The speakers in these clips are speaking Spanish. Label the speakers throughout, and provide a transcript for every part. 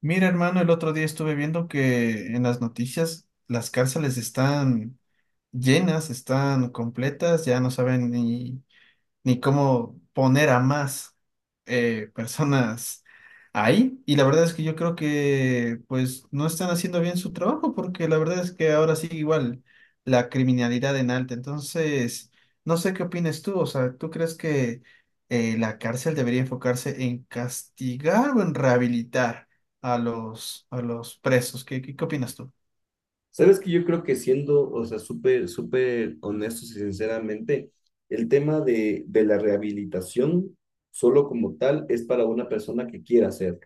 Speaker 1: Mira, hermano, el otro día estuve viendo que en las noticias las cárceles están llenas, están completas, ya no saben ni cómo poner a más personas ahí. Y la verdad es que yo creo que pues no están haciendo bien su trabajo porque la verdad es que ahora sí igual la criminalidad en alta. Entonces, no sé qué opinas tú. O sea, ¿tú crees que la cárcel debería enfocarse en castigar o en rehabilitar a los presos? ¿Qué opinas tú?
Speaker 2: Sabes que yo creo que siendo, o sea, súper, súper honestos y sinceramente, el tema de la rehabilitación solo como tal es para una persona que quiera hacer.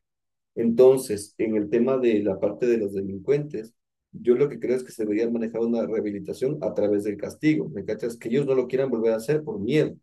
Speaker 2: Entonces, en el tema de la parte de los delincuentes, yo lo que creo es que se debería manejar una rehabilitación a través del castigo. ¿Me cachas? Que ellos no lo quieran volver a hacer por miedo.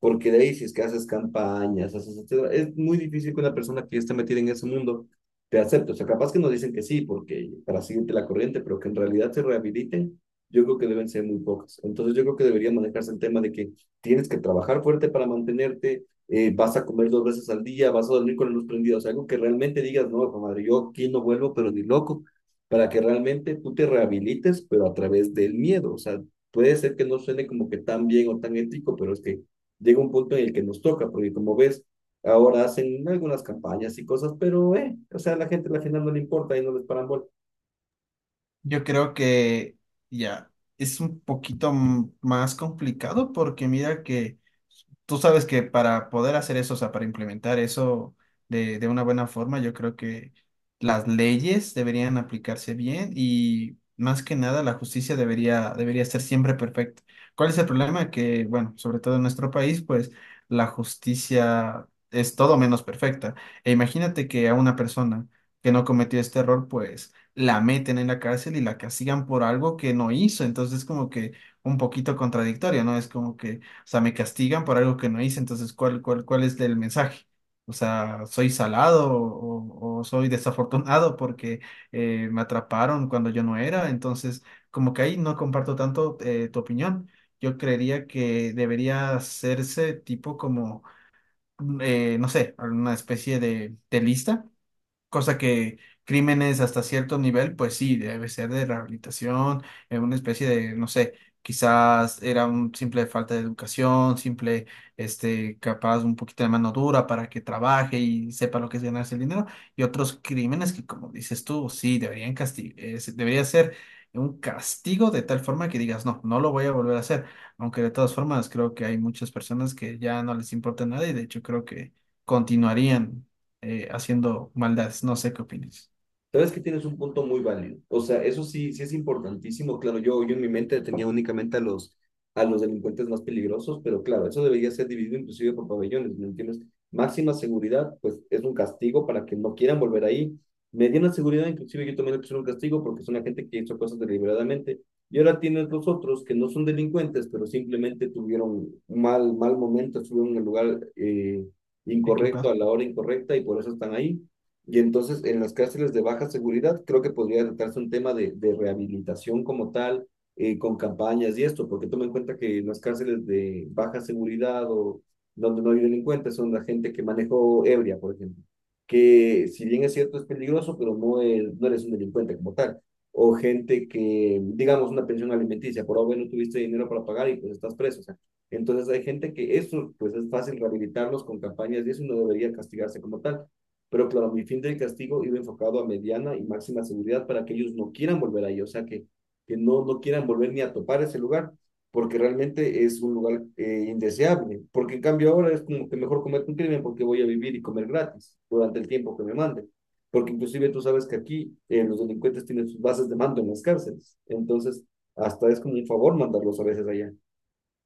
Speaker 2: Porque de ahí, si es que haces campañas, haces, etcétera, es muy difícil que una persona que ya está metida en ese mundo te acepte. O sea, capaz que nos dicen que sí, porque para seguirte la corriente, pero que en realidad se rehabiliten, yo creo que deben ser muy pocas. Entonces, yo creo que debería manejarse el tema de que tienes que trabajar fuerte para mantenerte, vas a comer dos veces al día, vas a dormir con la luz prendida. O sea, algo que realmente digas, no, madre, yo aquí no vuelvo, pero ni loco, para que realmente tú te rehabilites, pero a través del miedo. O sea, puede ser que no suene como que tan bien o tan ético, pero es que llega un punto en el que nos toca, porque como ves, ahora hacen algunas campañas y cosas, pero, o sea, a la gente al final no le importa y no les paran bola.
Speaker 1: Yo creo que ya es un poquito más complicado porque mira que tú sabes que para poder hacer eso, o sea, para implementar eso de una buena forma, yo creo que las leyes deberían aplicarse bien y más que nada la justicia debería ser siempre perfecta. ¿Cuál es el problema? Que, bueno, sobre todo en nuestro país, pues la justicia es todo menos perfecta. E imagínate que a una persona que no cometió este error, pues la meten en la cárcel y la castigan por algo que no hizo. Entonces, como que un poquito contradictorio, ¿no? Es como que, o sea, me castigan por algo que no hice, entonces, ¿cuál es el mensaje? O sea, ¿soy salado o soy desafortunado porque me atraparon cuando yo no era? Entonces, como que ahí no comparto tanto tu opinión. Yo creería que debería hacerse tipo como, no sé, alguna especie de lista. Cosa que crímenes hasta cierto nivel, pues sí, debe ser de rehabilitación, en una especie de, no sé, quizás era un simple falta de educación, simple, este, capaz un poquito de mano dura para que trabaje y sepa lo que es ganarse el dinero, y otros crímenes que, como dices tú, sí, deberían debería ser un castigo de tal forma que digas, no, no lo voy a volver a hacer, aunque de todas formas creo que hay muchas personas que ya no les importa nada y de hecho creo que continuarían haciendo maldades. No sé qué opinas.
Speaker 2: Sabes que tienes un punto muy válido. O sea, eso sí, sí es importantísimo. Claro, yo en mi mente tenía únicamente a a los delincuentes más peligrosos, pero claro, eso debería ser dividido inclusive por pabellones, ¿me entiendes? Máxima seguridad, pues es un castigo para que no quieran volver ahí. Mediana seguridad, inclusive yo también le puse un castigo porque son la gente que hizo cosas deliberadamente. Y ahora tienes los otros que no son delincuentes, pero simplemente tuvieron mal, mal momento, estuvieron en el lugar incorrecto a
Speaker 1: Equivocado.
Speaker 2: la hora incorrecta y por eso están ahí. Y entonces en las cárceles de baja seguridad creo que podría tratarse un tema de rehabilitación como tal, con campañas y esto, porque toma en cuenta que en las cárceles de baja seguridad o donde no hay delincuentes son la gente que manejó ebria, por ejemplo, que si bien es cierto es peligroso, pero no, es, no eres un delincuente como tal. O gente que, digamos, una pensión alimenticia, por ahora no tuviste dinero para pagar y pues estás preso. O sea, entonces hay gente que eso pues es fácil rehabilitarlos con campañas y eso no debería castigarse como tal, pero claro, mi fin del castigo iba enfocado a mediana y máxima seguridad para que ellos no quieran volver ahí, o sea, que no, no quieran volver ni a topar ese lugar, porque realmente es un lugar indeseable. Porque en cambio ahora es como que mejor comer un crimen porque voy a vivir y comer gratis durante el tiempo que me manden. Porque inclusive tú sabes que aquí los delincuentes tienen sus bases de mando en las cárceles. Entonces, hasta es como un favor mandarlos a veces allá.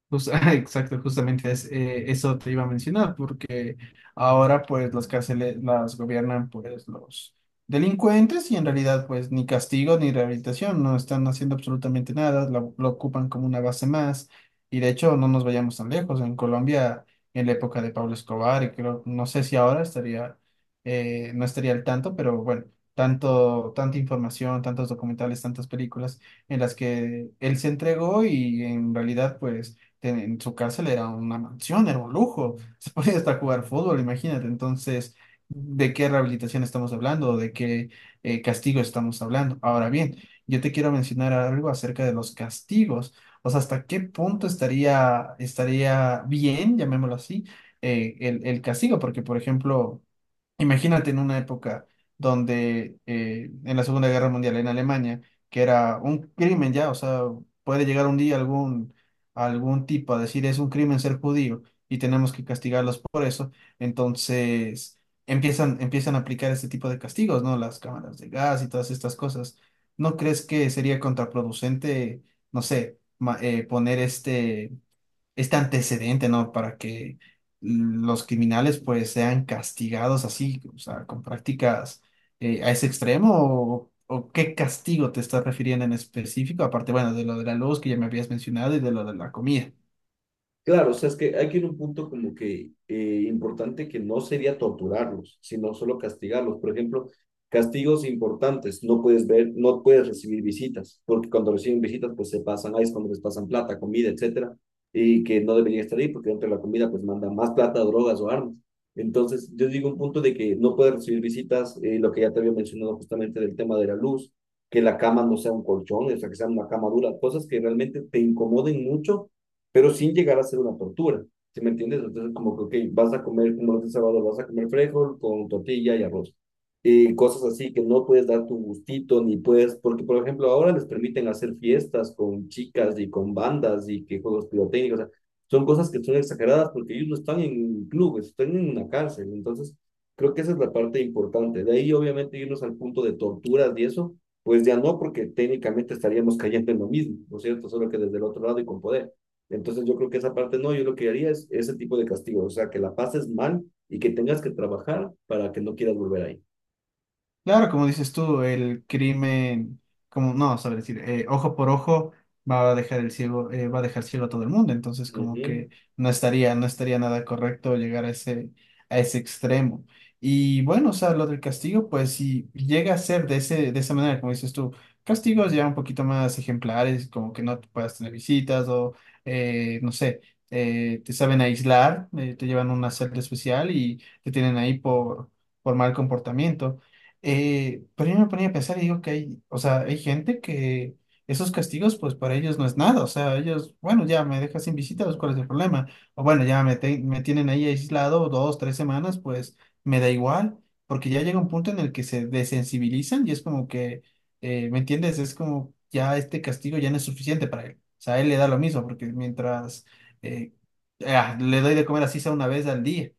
Speaker 1: Pues, ah, exacto, justamente es, eso te iba a mencionar, porque ahora pues las cárceles las gobiernan pues los delincuentes y en realidad pues ni castigo ni rehabilitación, no están haciendo absolutamente nada, lo ocupan como una base más y de hecho no nos vayamos tan lejos, en Colombia en la época de Pablo Escobar y creo, no sé si ahora estaría, no estaría al tanto, pero bueno, tanta información, tantos documentales, tantas películas en las que él se entregó y en realidad pues en su cárcel era una mansión, era un lujo, se podía hasta jugar fútbol, imagínate. Entonces, ¿de qué rehabilitación estamos hablando? ¿De qué castigo estamos hablando? Ahora bien, yo te quiero mencionar algo acerca de los castigos, o sea, hasta qué punto estaría bien, llamémoslo así, el castigo, porque, por ejemplo... Imagínate en una época donde en la Segunda Guerra Mundial en Alemania, que era un crimen ya, o sea, puede llegar un día algún, algún tipo a decir es un crimen ser judío y tenemos que castigarlos por eso, entonces empiezan a aplicar este tipo de castigos, ¿no? Las cámaras de gas y todas estas cosas. ¿No crees que sería contraproducente, no sé, poner este antecedente, ¿no? Para que los criminales pues sean castigados así, o sea, con prácticas a ese extremo o qué castigo te estás refiriendo en específico, aparte, bueno, de lo de la luz que ya me habías mencionado y de lo de la comida.
Speaker 2: Claro, o sea, es que hay que ir a un punto como que importante que no sería torturarlos, sino solo castigarlos. Por ejemplo, castigos importantes, no puedes ver, no puedes recibir visitas, porque cuando reciben visitas, pues se pasan ahí, es cuando les pasan plata, comida, etcétera, y que no deberían estar ahí, porque dentro de la comida, pues mandan más plata, drogas o armas. Entonces, yo digo un punto de que no puedes recibir visitas, lo que ya te había mencionado justamente del tema de la luz, que la cama no sea un colchón, o sea, que sea una cama dura, cosas que realmente te incomoden mucho pero sin llegar a ser una tortura. ¿Sí me entiendes? Entonces, como que, ok, vas a comer, como los de sábado, vas a comer frijol con tortilla y arroz. Y cosas así que no puedes dar tu gustito, ni puedes, porque por ejemplo, ahora les permiten hacer fiestas con chicas y con bandas y que juegos pirotécnicos, o sea, son cosas que son exageradas porque ellos no están en clubes, están en una cárcel. Entonces, creo que esa es la parte importante. De ahí, obviamente, irnos al punto de torturas y eso, pues ya no, porque técnicamente estaríamos cayendo en lo mismo, ¿no es cierto? Solo que desde el otro lado y con poder. Entonces yo creo que esa parte no, yo lo que haría es ese tipo de castigo, o sea, que la pases mal y que tengas que trabajar para que no quieras volver ahí.
Speaker 1: Claro, como dices tú, el crimen, como no, saber decir, ojo por ojo va a dejar el ciego, va a dejar ciego a todo el mundo. Entonces, como
Speaker 2: Ujú.
Speaker 1: que no estaría nada correcto llegar a ese extremo. Y bueno, o sea, lo del castigo, pues si llega a ser de ese, de esa manera, como dices tú, castigos ya un poquito más ejemplares, como que no te puedas tener visitas o no sé, te saben aislar, te llevan a una celda especial y te tienen ahí por mal comportamiento. Pero yo me ponía a pensar y digo que hay, o sea, hay gente que esos castigos, pues para ellos no es nada, o sea, ellos, bueno, ya me dejas sin visita, pues, ¿cuál es el problema? O bueno, me tienen ahí aislado dos, tres semanas, pues me da igual, porque ya llega un punto en el que se desensibilizan y es como que, ¿me entiendes? Es como ya este castigo ya no es suficiente para él, o sea, a él le da lo mismo, porque mientras eh, le doy de comer así sea una vez al día,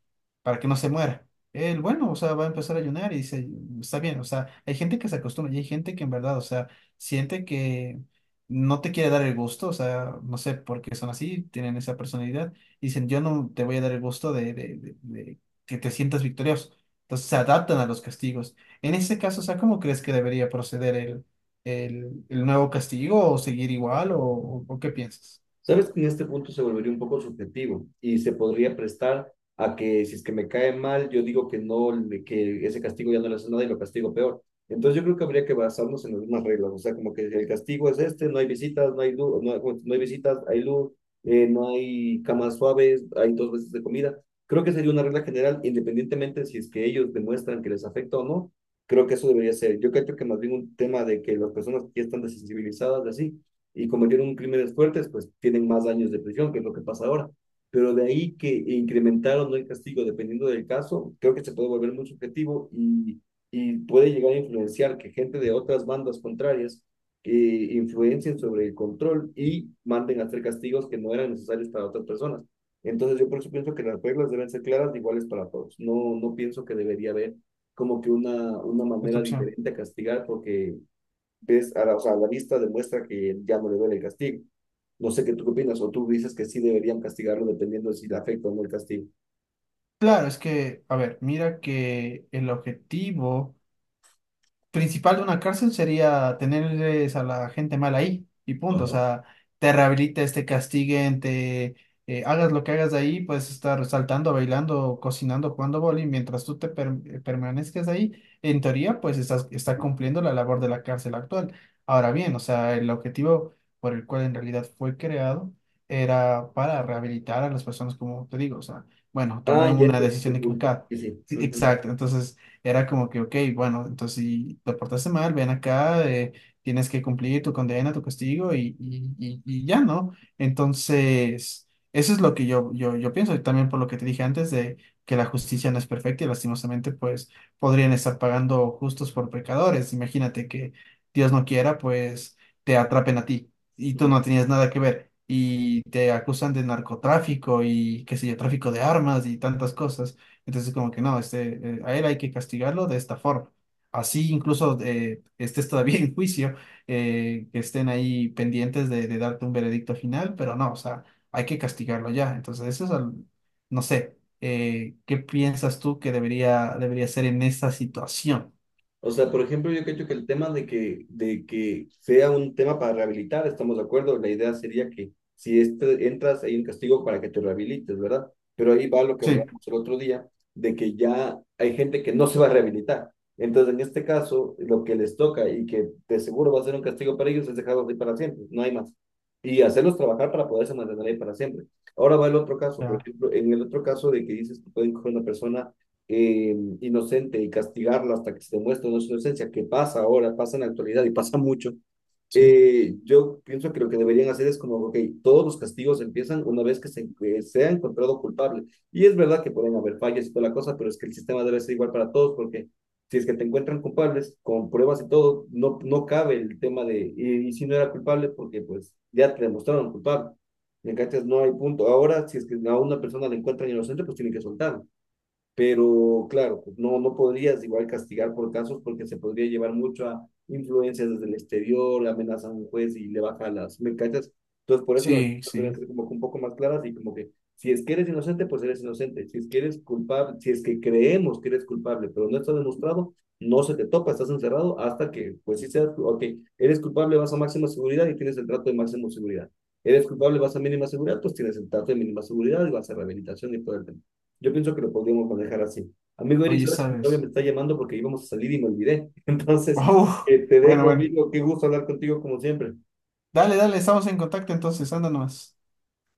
Speaker 1: para que no se muera. El bueno, o sea, va a empezar a ayunar y dice, está bien, o sea, hay gente que se acostumbra y hay gente que en verdad, o sea, siente que no te quiere dar el gusto, o sea, no sé por qué son así, tienen esa personalidad, y dicen, yo no te voy a dar el gusto de que te sientas victorioso. Entonces se adaptan a los castigos. En ese caso, o sea, ¿cómo crees que debería proceder el nuevo castigo o seguir igual o qué piensas?
Speaker 2: Sabes que en este punto se volvería un poco subjetivo y se podría prestar a que si es que me cae mal, yo digo que no, que ese castigo ya no le hace nada y lo castigo peor. Entonces yo creo que habría que basarnos en las mismas reglas, o sea, como que el castigo es este, no hay visitas, no hay luz, no, hay no hay visitas, hay luz, no hay camas suaves, hay dos veces de comida. Creo que sería una regla general, independientemente si es que ellos demuestran que les afecta o no, creo que eso debería ser. Yo creo que más bien un tema de que las personas que ya están desensibilizadas de así y cometieron crímenes fuertes, pues tienen más años de prisión, que es lo que pasa ahora. Pero de ahí que incrementaron el castigo dependiendo del caso, creo que se puede volver muy subjetivo y puede llegar a influenciar que gente de otras bandas contrarias influencien sobre el control y manden a hacer castigos que no eran necesarios para otras personas. Entonces yo por eso pienso que las reglas deben ser claras, iguales para todos. No, no pienso que debería haber como que una
Speaker 1: Esta
Speaker 2: manera
Speaker 1: opción.
Speaker 2: diferente a castigar porque ves, o sea, la vista demuestra que ya no le duele el castigo. No sé qué tú qué opinas, o tú dices que sí deberían castigarlo dependiendo de si le afecta o no el castigo.
Speaker 1: Claro, es que, a ver, mira que el objetivo principal de una cárcel sería tenerles a la gente mal ahí y punto. O
Speaker 2: Ajá.
Speaker 1: sea, te rehabilites, te castiguen, te hagas lo que hagas de ahí, puedes estar saltando, bailando, cocinando, jugando boli, mientras tú permanezcas ahí, en teoría, pues está cumpliendo la labor de la cárcel actual. Ahora bien, o sea, el objetivo por el cual en realidad fue creado era para rehabilitar a las personas, como te digo, o sea, bueno, tomé
Speaker 2: Ah, ya
Speaker 1: una
Speaker 2: entendí tu
Speaker 1: decisión
Speaker 2: punto.
Speaker 1: equivocada.
Speaker 2: Sí, sí.
Speaker 1: Sí, exacto, entonces... Era como que, ok, bueno, entonces si te portaste mal, ven acá, tienes que cumplir tu condena, tu castigo y ya, ¿no? Entonces, eso es lo que yo pienso y también por lo que te dije antes de que la justicia no es perfecta y lastimosamente pues podrían estar pagando justos por pecadores. Imagínate que Dios no quiera, pues te atrapen a ti y tú no
Speaker 2: Ujú.
Speaker 1: tenías nada que ver. Y te acusan de narcotráfico y qué sé yo, tráfico de armas y tantas cosas. Entonces, como que no, este, a él hay que castigarlo de esta forma. Así incluso estés todavía en juicio, que estén ahí pendientes de darte un veredicto final, pero no, o sea, hay que castigarlo ya. Entonces, eso es, no sé, ¿qué piensas tú que debería ser en esta situación?
Speaker 2: O sea, por ejemplo, yo creo que el tema de que sea un tema para rehabilitar, estamos de acuerdo, la idea sería que si entras hay un castigo para que te rehabilites, ¿verdad? Pero ahí va lo que
Speaker 1: Sí,
Speaker 2: hablamos el otro día, de que ya hay gente que no se va a rehabilitar. Entonces, en este caso, lo que les toca y que de seguro va a ser un castigo para ellos es dejarlos ahí para siempre, no hay más. Y hacerlos trabajar para poderse mantener ahí para siempre. Ahora va el otro caso, por
Speaker 1: claro,
Speaker 2: ejemplo, en el otro caso de que dices que pueden coger una persona inocente y castigarla hasta que se demuestre no su inocencia, que pasa ahora, pasa en la actualidad y pasa mucho,
Speaker 1: sí,
Speaker 2: yo pienso que lo que deberían hacer es como, ok, todos los castigos empiezan una vez que se ha encontrado culpable. Y es verdad que pueden haber fallas y toda la cosa, pero es que el sistema debe ser igual para todos porque si es que te encuentran culpables, con pruebas y todo, no, no cabe el tema de, y si no era culpable, porque pues ya te demostraron culpable. ¿Me cachas? No hay punto. Ahora, si es que a una persona le encuentran inocente, pues tienen que soltar, pero claro, pues, no, no podrías igual castigar por casos porque se podría llevar mucho a influencias desde el exterior, amenaza a un juez y le baja las mercancías. Entonces, por eso las
Speaker 1: sí,
Speaker 2: cosas
Speaker 1: sí.
Speaker 2: deben ser como que un poco más claras y como que si es que eres inocente, pues eres inocente. Si es que eres culpable, si es que creemos que eres culpable, pero no está demostrado, no se te topa, estás encerrado hasta que, pues sí seas, ok, eres culpable, vas a máxima seguridad y tienes el trato de máxima seguridad. Eres culpable, vas a mínima seguridad, pues tienes el trato de mínima seguridad y vas a rehabilitación y todo el tema. Yo pienso que lo podríamos manejar así. Amigo Eric,
Speaker 1: Oye,
Speaker 2: sabes que mi novia me
Speaker 1: ¿sabes?
Speaker 2: está llamando porque íbamos a salir y me olvidé. Entonces,
Speaker 1: Oh,
Speaker 2: te
Speaker 1: bueno,
Speaker 2: dejo,
Speaker 1: bueno.
Speaker 2: amigo. Qué gusto hablar contigo como siempre.
Speaker 1: Dale, dale, estamos en contacto entonces, anda nomás.